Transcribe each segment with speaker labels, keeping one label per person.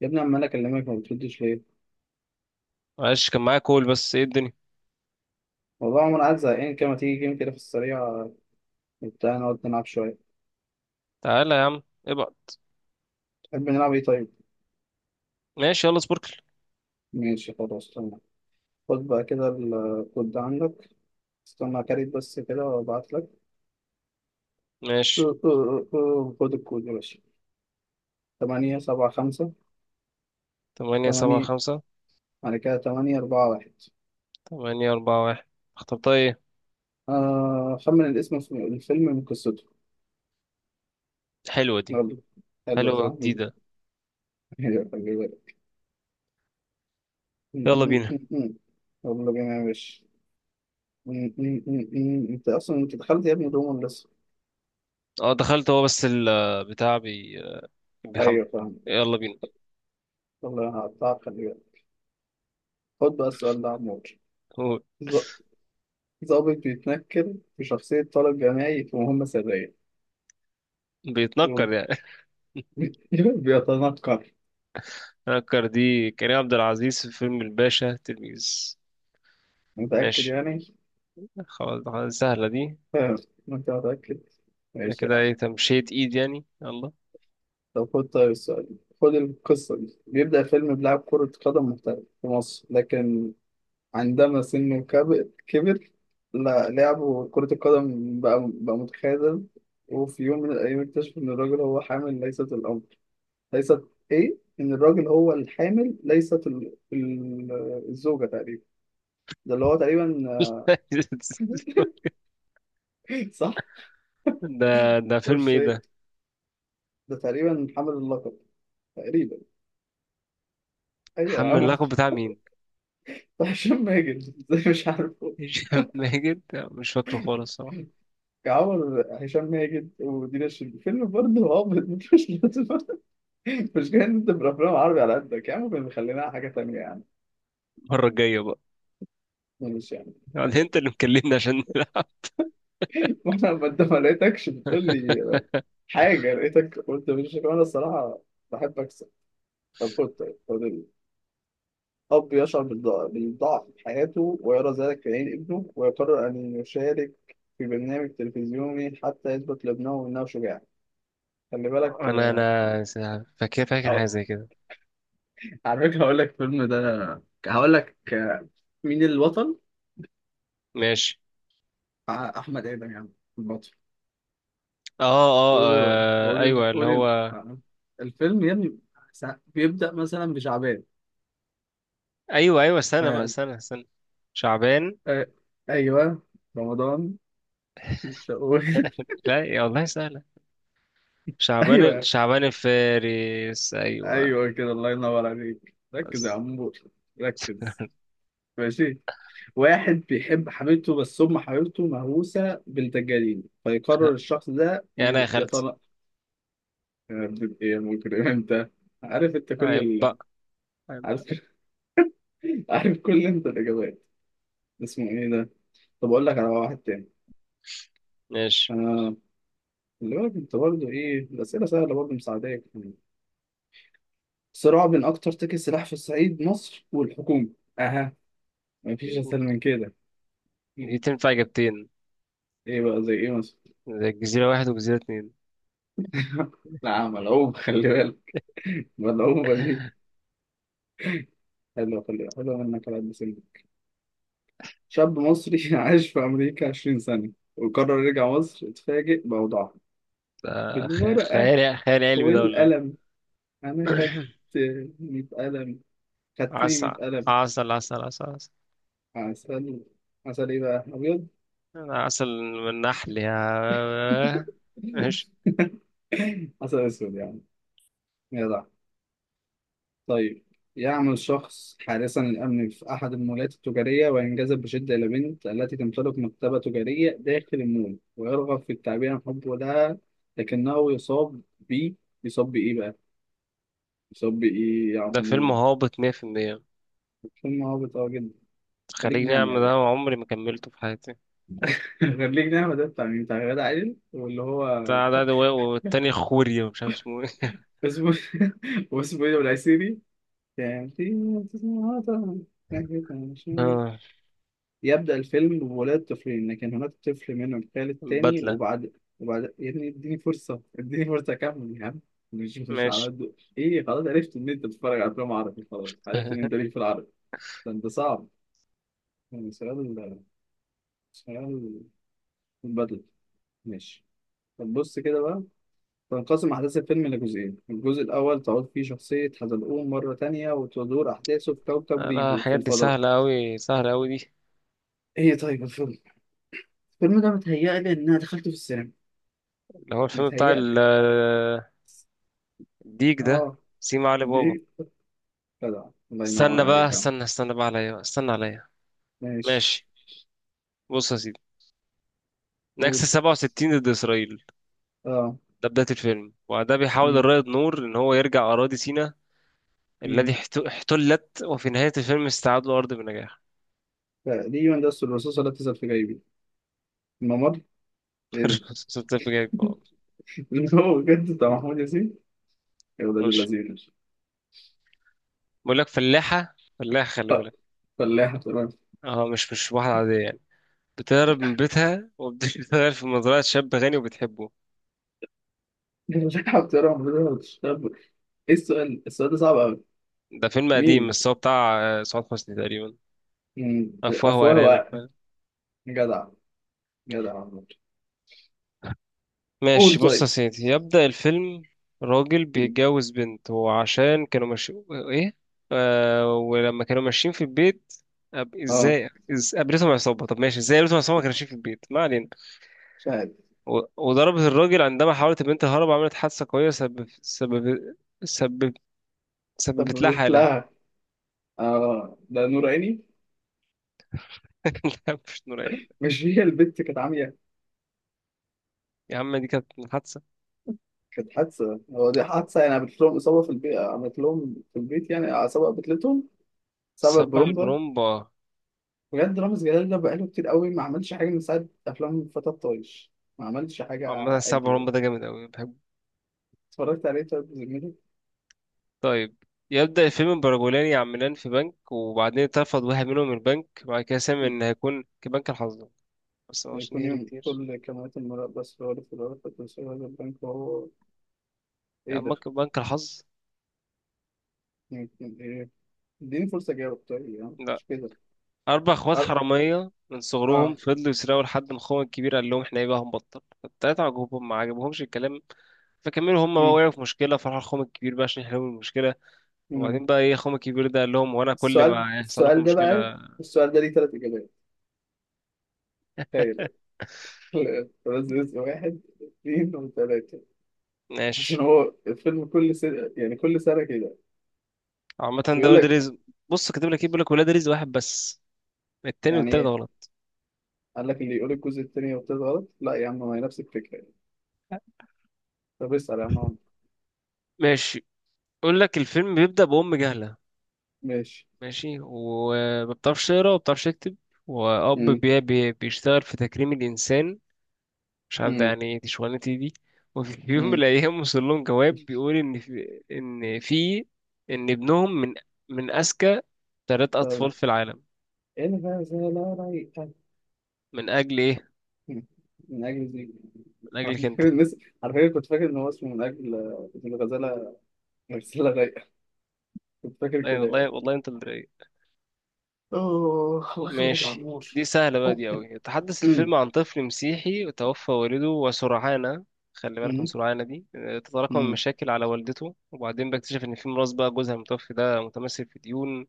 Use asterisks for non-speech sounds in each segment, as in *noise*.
Speaker 1: يا ابني عمال اكلمك ما بتردش ليه؟
Speaker 2: معلش، كان معايا كول، بس ايه الدنيا.
Speaker 1: والله عمر عايز زهقان كده، ما تيجي جيم كده في السريع بتاع نقعد نلعب شوية؟
Speaker 2: تعالى يا عم ابعد.
Speaker 1: تحب نلعب ايه طيب؟
Speaker 2: ماشي يلا سبوركل.
Speaker 1: ماشي، خلاص تمام. خد بقى كده الكود ده عندك. استنى كاريت بس كده وابعت لك.
Speaker 2: ماشي.
Speaker 1: *laughs* خد الكود يا باشا. تمانية سبعة خمسة
Speaker 2: تمانية سبعة
Speaker 1: تمانية.
Speaker 2: خمسة
Speaker 1: بعد كده تمانية أربعة واحد.
Speaker 2: 8 4 1. اخترتها ايه؟
Speaker 1: آه، خمن الاسم الفيلم من قصته.
Speaker 2: حلوة دي.
Speaker 1: يلا. حلو
Speaker 2: حلوة
Speaker 1: صح؟ *laughs*
Speaker 2: جديدة. يلا بينا.
Speaker 1: يلا بينا يا باشا. م- م- م- م. انت اصلا انت دخلت يا ابني دوما لسه.
Speaker 2: اه دخلت، هو بس البتاع بيحمل.
Speaker 1: ايوه فاهم.
Speaker 2: يلا بينا.
Speaker 1: والله انا هقطعك، خلي بالك. خد بقى السؤال ده عمور.
Speaker 2: هو
Speaker 1: ظ- ظابط بيتنكر في شخصية طالب جامعي في مهمة سرية.
Speaker 2: بيتنكر
Speaker 1: بي-
Speaker 2: يعني *laughs*
Speaker 1: *laughs* بيتنكر.
Speaker 2: نكر دي كريم عبد العزيز في فيلم الباشا تلميذ.
Speaker 1: متأكد
Speaker 2: ماشي.
Speaker 1: يعني؟
Speaker 2: خلاص خلاص، سهلة دي.
Speaker 1: فاهم. انت متأكد؟
Speaker 2: ده
Speaker 1: ماشي يا
Speaker 2: كده
Speaker 1: عم.
Speaker 2: ايه تمشية ايد يعني، يلا.
Speaker 1: طب خد طيب السؤال ده. خد القصة دي. بيبدأ فيلم بلاعب كرة قدم محترف في مصر، لكن عندما سنه كبر، لا لعبه كرة القدم بقى متخاذل. وفي يوم من الأيام اكتشف إن الراجل هو حامل ليست الأمر. ليست إيه؟ إن الراجل هو الحامل ليست ال... ال... الزوجة تقريبا. ده اللي هو تقريبا.
Speaker 2: *laughs*
Speaker 1: *laughs* صح؟
Speaker 2: ده ده
Speaker 1: ده
Speaker 2: فيلم
Speaker 1: مش
Speaker 2: ايه
Speaker 1: هي.
Speaker 2: ده؟
Speaker 1: ده تقريبا حامل اللقب. تقريبا. أيوه يا
Speaker 2: حمل
Speaker 1: عم.
Speaker 2: اللقب بتاع مين؟
Speaker 1: *laughs* هشام ماجد. إزاي مش عارفه؟
Speaker 2: هشام ماجد. مش فاكره خالص صراحة.
Speaker 1: يا عمر، هشام ماجد ودينا الشربيني فيلم برضه هابط، مش لازم. المشكلة إن أنت بالأفلام العربي على قدك يا عم. خلينا على حاجة تانية يعني.
Speaker 2: المرة الجاية بقى.
Speaker 1: مش يعني. *laughs*
Speaker 2: يعني انت اللي مكلمني عشان نلعب.
Speaker 1: وأنا ما أنت ما لقيتكش بتقول لي
Speaker 2: *laughs*
Speaker 1: حاجة، لقيتك قلت مش أنا الصراحة، بحب أكسب. طب خد طيب خد أب يشعر بالضعف في حياته ويرى ذلك في عين ابنه، ويقرر أن يشارك في برنامج تلفزيوني حتى يثبت لابنه أنه شجاع. خلي بالك،
Speaker 2: انا
Speaker 1: آه،
Speaker 2: انا فاكر فاكر حاجة
Speaker 1: هقول-
Speaker 2: زي كده.
Speaker 1: *laughs* على فكرة هقول لك الفيلم ده، هقول لك آه، مين البطل؟
Speaker 2: ماشي.
Speaker 1: آه، أحمد آدم يا عم، البطل.
Speaker 2: اه اه
Speaker 1: قولوا
Speaker 2: آه،
Speaker 1: قولي
Speaker 2: ايوه
Speaker 1: ال-
Speaker 2: اللي
Speaker 1: قولي ال-
Speaker 2: هو.
Speaker 1: آه. الفيلم يا ابني بيبدأ مثلا بشعبان.
Speaker 2: ايوه ايوه، استنى بقى
Speaker 1: آه.
Speaker 2: استنى استنى. شعبان.
Speaker 1: آه. ايوه رمضان شوال.
Speaker 2: لا يا والله سهلة.
Speaker 1: *laughs*
Speaker 2: شعبان
Speaker 1: ايوه.
Speaker 2: شعبان الفارس، ايوه.
Speaker 1: ايوه كده، الله ينور عليك، ركز يا
Speaker 2: بس.
Speaker 1: عمور، ركز. ماشي. واحد بيحب حبيبته بس أم حبيبته مهووسة بالدجالين،
Speaker 2: خ-
Speaker 1: فيقرر الشخص ده
Speaker 2: يعني يا خالتي.
Speaker 1: يطلق. إيه يا مجرم *laughs* أنت؟ عارف أنت كل
Speaker 2: عيب
Speaker 1: ال...
Speaker 2: بقى، عيب
Speaker 1: عارف.
Speaker 2: بقى.
Speaker 1: *laughs* عارف كل أنت الإجابات. اسمه إيه ده؟ طب أقول لك على واحد تاني.
Speaker 2: ماشي.
Speaker 1: آه. اللي بالك انت برضه ايه الاسئله سهله، برضه مساعداك يعني. صراع بين اكتر تاجر سلاح في الصعيد مصر والحكومه. اها. مفيش اسهل من كده. مم.
Speaker 2: دي تنفع اجابتين.
Speaker 1: ايه بقى زي ايه مثلا؟
Speaker 2: ده جزيرة واحد وجزيرة اتنين.
Speaker 1: *laughs* لا، ملعوب خلي بالك، ملعوبه دي، حلوه، خلي بالك، حلوه منك على قد سنك. شاب مصري *laughs* عاش في امريكا 20 سنه وقرر يرجع مصر، اتفاجئ بوضعها.
Speaker 2: ده
Speaker 1: بالورقه
Speaker 2: خيال خيال علمي، ده ولا ايه؟
Speaker 1: والقلم انا خدت
Speaker 2: *coughs*
Speaker 1: 100 قلم. خدتني
Speaker 2: عسل،
Speaker 1: 100 قلم.
Speaker 2: عسل، عسل، عسل، عسل،
Speaker 1: عسل. عسل ايه بقى ابيض؟
Speaker 2: عسل من النحل يا *laughs* ماشي.
Speaker 1: *laughs* حسن اسود يعني. جدع. طيب. يعمل شخص حارسا للامن في احد المولات التجاريه، وينجذب بشده الى بنت التي تمتلك مكتبه تجاريه داخل المول، ويرغب في التعبير عن حبه لها، لكنه يصاب ب. يصاب بايه بقى؟ يصاب بايه يا
Speaker 2: ده فيلم
Speaker 1: عم؟
Speaker 2: هابط 100%.
Speaker 1: فيلم هابط قوي جدا. خليج
Speaker 2: خليج
Speaker 1: نعمة يا
Speaker 2: نعمة ده
Speaker 1: باشا.
Speaker 2: عمري ما كملته في حياتي.
Speaker 1: *laughs* خليج نعمة ده بتاع مين؟ *laughs* بتاع غادة عادل واللي هو
Speaker 2: بتاع ده والتاني خوري ومش عارف اسمه ايه.
Speaker 1: اسمه *laughs* واسمه ايه ده؟ والعسيري يعني.
Speaker 2: *laughs* آه،
Speaker 1: يبدأ الفيلم بولاد طفلين، لكن هناك طفل منهم خال التاني،
Speaker 2: البدلة.
Speaker 1: وبعد. وبعد يا ابني اديني فرصة، اديني فرصة أكمل يا عم. مش على
Speaker 2: ماشي.
Speaker 1: قد إيه، خلاص عرفت إن أنت بتتفرج على أفلام عربي، خلاص عرفت إن أنت
Speaker 2: *laughs*
Speaker 1: ليك في العربي، ده أنت صعب يعني. سؤال، سؤال، بدل. ماشي. طب بص كده بقى. تنقسم أحداث الفيلم لجزئين، الجزء الأول تعود فيه شخصية حزلقوم مرة تانية، وتدور أحداثه في كوكب
Speaker 2: انا
Speaker 1: ريبو في
Speaker 2: الحاجات دي
Speaker 1: الفضاء.
Speaker 2: سهلة أوي، سهلة أوي دي.
Speaker 1: إيه طيب الفيلم. الفيلم ده متهيألي إن أنا دخلته في السينما.
Speaker 2: اللي هو الفيلم بتاع
Speaker 1: متهيألي.
Speaker 2: *laughs* الديك ده.
Speaker 1: اه.
Speaker 2: سيما علي بابا.
Speaker 1: دي. جدع. الله ينور
Speaker 2: استنى بقى
Speaker 1: عليك يا عم.
Speaker 2: استنى استنى بقى عليا، استنى عليا.
Speaker 1: ماشي.
Speaker 2: ماشي. بص يا سيدي، نكسة
Speaker 1: قول.
Speaker 2: 67 ضد إسرائيل.
Speaker 1: اه.
Speaker 2: ده بداية الفيلم، وده بيحاول
Speaker 1: مم.
Speaker 2: الرائد نور إن هو يرجع أراضي سيناء الذي
Speaker 1: مم.
Speaker 2: احتلت. وفي نهاية الفيلم استعاد الأرض بنجاح.
Speaker 1: تقريبا ده أسر الرصاصة لا تزال في جيبي، الممر. ايه ده؟
Speaker 2: *laughs* صوت الفيلم جاي.
Speaker 1: *laughs* هو بجد بتاع محمود ياسين؟ يا ولاد
Speaker 2: ماشي.
Speaker 1: اللذين.
Speaker 2: بقول لك فلاحة فلاحة، خلي
Speaker 1: آه،
Speaker 2: بالك.
Speaker 1: فلاحة ترى.
Speaker 2: اه، مش واحدة عادية يعني. بتهرب من بيتها وبتشتغل *laughs* في مزرعة شاب غني وبتحبه.
Speaker 1: فلاحة ترى المفروض بتشتغل *laughs* ايه السؤال؟ السؤال ده صعب قوي.
Speaker 2: ده فيلم قديم
Speaker 1: مين؟
Speaker 2: بس هو بتاع سعاد حسني تقريبا.
Speaker 1: مم.
Speaker 2: أفواه
Speaker 1: أفواه
Speaker 2: وأرانب.
Speaker 1: وعقل. جدع. جدع والله.
Speaker 2: ماشي
Speaker 1: قول
Speaker 2: بص يا
Speaker 1: طيب.
Speaker 2: سيدي، يبدأ الفيلم. راجل
Speaker 1: مم.
Speaker 2: بيتجوز بنت وعشان كانوا ماشيين، ايه ولما كانوا ماشيين في البيت،
Speaker 1: اه.
Speaker 2: ازاي قابلتهم عصابة. طب ماشي، ازاي قابلتهم عصابة ما كانوا ماشيين في البيت، ما علينا.
Speaker 1: مش عارف.
Speaker 2: وضربت الراجل عندما حاولت البنت الهرب، عملت حادثة قوية، سبب
Speaker 1: طب
Speaker 2: سببت لها
Speaker 1: بيت
Speaker 2: حالة.
Speaker 1: لها. اه، ده نور عيني.
Speaker 2: *laughs* لا، مش نور عيني.
Speaker 1: مش هي البت كانت عامية.
Speaker 2: يا عم دي كانت حادثة.
Speaker 1: كانت حادثة، هو دي حادثة يعني، عملت لهم إصابة في البيت، عملت لهم في البيت يعني إصابة قتلتهم. سبب
Speaker 2: سبع
Speaker 1: برومبا.
Speaker 2: البرومبا.
Speaker 1: بجد رامز جلال ده بقاله كتير قوي ما عملش حاجة من ساعة أفلام فتى الطايش، ما عملش حاجة.
Speaker 2: عامة سبع
Speaker 1: عدلة.
Speaker 2: البرومبا ده جامد أوي بحبه.
Speaker 1: اتفرجت عليه طيب زميلي.
Speaker 2: طيب، يبدأ الفيلم برجلان يعملان في بنك، وبعدين اترفض واحد منهم من البنك، وبعد كده سمع إن هيكون كبنك الحظ. بس هو عشان
Speaker 1: يكون
Speaker 2: يهري
Speaker 1: يوم
Speaker 2: كتير.
Speaker 1: كل كاميرات المراقبة سرارة في الورقة تنشر هذا البنك وهو. إيه
Speaker 2: يعني
Speaker 1: ده؟
Speaker 2: بنك الحظ.
Speaker 1: يمكن إيه؟ إديني فرصة أجاوب طيب، يعني
Speaker 2: لا.
Speaker 1: مش كده.
Speaker 2: أربع إخوات
Speaker 1: أر-
Speaker 2: حرامية من صغرهم
Speaker 1: آه.
Speaker 2: فضلوا يسرقوا لحد ما أخوهم الكبير قال لهم إحنا إيه بقى هنبطل، فالتلاتة عجبهم ما عجبهمش الكلام. فكملوا هم بقى،
Speaker 1: مم.
Speaker 2: وقعوا في مشكلة فراحوا لأخوهم الكبير بقى عشان يحلوا المشكلة.
Speaker 1: مم.
Speaker 2: وبعدين بقى إيه أخوهم الكبير ده قال لهم وأنا كل
Speaker 1: السؤال
Speaker 2: ما يحصل لكم
Speaker 1: السؤال ده بقى.
Speaker 2: مشكلة.
Speaker 1: السؤال ده ليه تلات إجابات؟ تخيل.
Speaker 2: *laughs*
Speaker 1: لا، بس اسم واحد اثنين وثلاثة.
Speaker 2: ماشي.
Speaker 1: عشان هو الفيلم كل سنة يعني، كل سنة كده
Speaker 2: عامة ده
Speaker 1: بيقول
Speaker 2: ولاد
Speaker 1: لك.
Speaker 2: رزق. بص كاتب لك إيه؟ بيقول لك ولاد رزق واحد بس، التاني
Speaker 1: يعني
Speaker 2: والتالت
Speaker 1: ايه؟
Speaker 2: غلط.
Speaker 1: قال لك اللي يقول الجزء التاني والتالت غلط، لا يا عم، ما هي نفس الفكرة يعني. طب اسأل يا عم عمرو.
Speaker 2: ماشي. يقول لك الفيلم بيبدأ بأم جهلة،
Speaker 1: ماشي.
Speaker 2: ماشي، وما بتعرفش تقرا وما بتعرفش تكتب. وأب
Speaker 1: مم.
Speaker 2: بي بي بيشتغل في تكريم الإنسان، مش عارف ده
Speaker 1: مم.
Speaker 2: يعني ايه، دي شغلانتي دي. *laughs* وفي يوم من
Speaker 1: مم.
Speaker 2: الأيام وصل لهم جواب بيقول إن في إن ابنهم من أذكى ثلاث
Speaker 1: طب
Speaker 2: أطفال في العالم.
Speaker 1: الغزالة رايقة.
Speaker 2: من أجل إيه؟
Speaker 1: مم. من أجل زيك.
Speaker 2: من
Speaker 1: على
Speaker 2: أجلك أنت.
Speaker 1: فكرة الناس، *laughs* على فكرة كنت فاكر إن هو اسمه من أجل، من الغزالة، غزالة رايقة، كنت فاكر
Speaker 2: أي
Speaker 1: كده يعني.
Speaker 2: والله، والله أنت اللي رايق.
Speaker 1: أوه، الله يخليك يا
Speaker 2: ماشي
Speaker 1: عمور.
Speaker 2: دي سهلة بقى،
Speaker 1: أوه.
Speaker 2: دي أوي. يتحدث
Speaker 1: مم.
Speaker 2: الفيلم عن طفل مسيحي توفى والده وسرعانة، خلي بالك من
Speaker 1: مم.
Speaker 2: سرعانة دي، تتراكم
Speaker 1: مم.
Speaker 2: المشاكل على والدته، وبعدين بيكتشف إن في ميراث بقى جوزها المتوفي ده متمثل في ديون.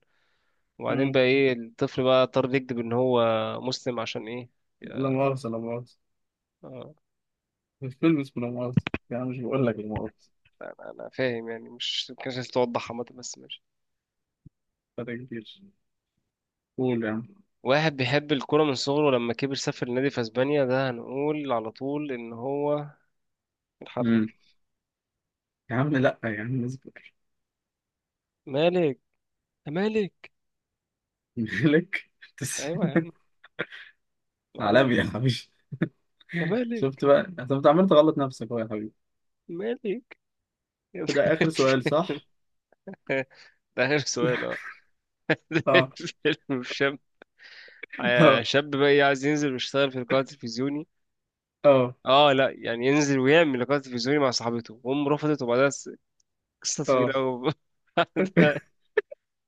Speaker 2: وبعدين
Speaker 1: مم.
Speaker 2: بقى إيه، الطفل بقى اضطر يكذب إن هو مسلم، عشان إيه.
Speaker 1: لا مؤاخذة. لا مؤاخذة.
Speaker 2: آه،
Speaker 1: مش فيلم اسمه لا مؤاخذة؟ يا عم مش بقول لك لا مؤاخذة.
Speaker 2: أنا فاهم يعني، مش مكانش عايز توضح، عامة بس ماشي.
Speaker 1: فرق كبير. قول يا عم.
Speaker 2: واحد بيحب الكورة من صغره، ولما كبر سافر لنادي في أسبانيا، ده هنقول على طول إن هو الحريف.
Speaker 1: مم. يا عم لا يا عم اصبر.
Speaker 2: مالك، يا مالك.
Speaker 1: *laughs* مالك. تس-
Speaker 2: أيوة يا عم.
Speaker 1: *laughs*
Speaker 2: العالمي.
Speaker 1: عالمي يا حبيبي.
Speaker 2: يا مالك.
Speaker 1: شفت بقى انت، أنت عمال تغلط نفسك اهو يا حبيبي.
Speaker 2: مالك، يا
Speaker 1: ده اخر سؤال
Speaker 2: مالك.
Speaker 1: صح؟
Speaker 2: *laughs* ده آخر سؤال
Speaker 1: اه.
Speaker 2: *laughs* فيلم شاب.
Speaker 1: *laughs* اه.
Speaker 2: شاب بقى إيه، عايز ينزل ويشتغل في لقاء تلفزيوني.
Speaker 1: اه.
Speaker 2: اه لا، يعني ينزل ويعمل لقاء تلفزيوني مع صاحبته وام رفضت، وبعدها قصة
Speaker 1: اه.
Speaker 2: طويلة أوي. *laughs*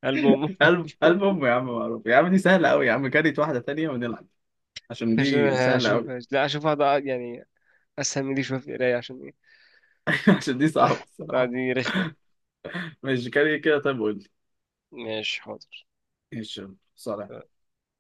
Speaker 2: قلب أمه.
Speaker 1: قلب
Speaker 2: *laughs*
Speaker 1: امه يا عم معروف، يا عم دي سهلة قوي يا عم، كاريت واحدة تانية ونلعب عشان
Speaker 2: عشان
Speaker 1: دي سهلة
Speaker 2: هشوف،
Speaker 1: قوي.
Speaker 2: لا أشوف واحدة يعني أسهل من دي شوية في القراية عشان إيه.
Speaker 1: *laughs* عشان دي صعبة
Speaker 2: لا،
Speaker 1: الصراحة.
Speaker 2: دي رخمة.
Speaker 1: ماشي، كاري كده طيب قول لي.
Speaker 2: ماشي حاضر.
Speaker 1: ايش صار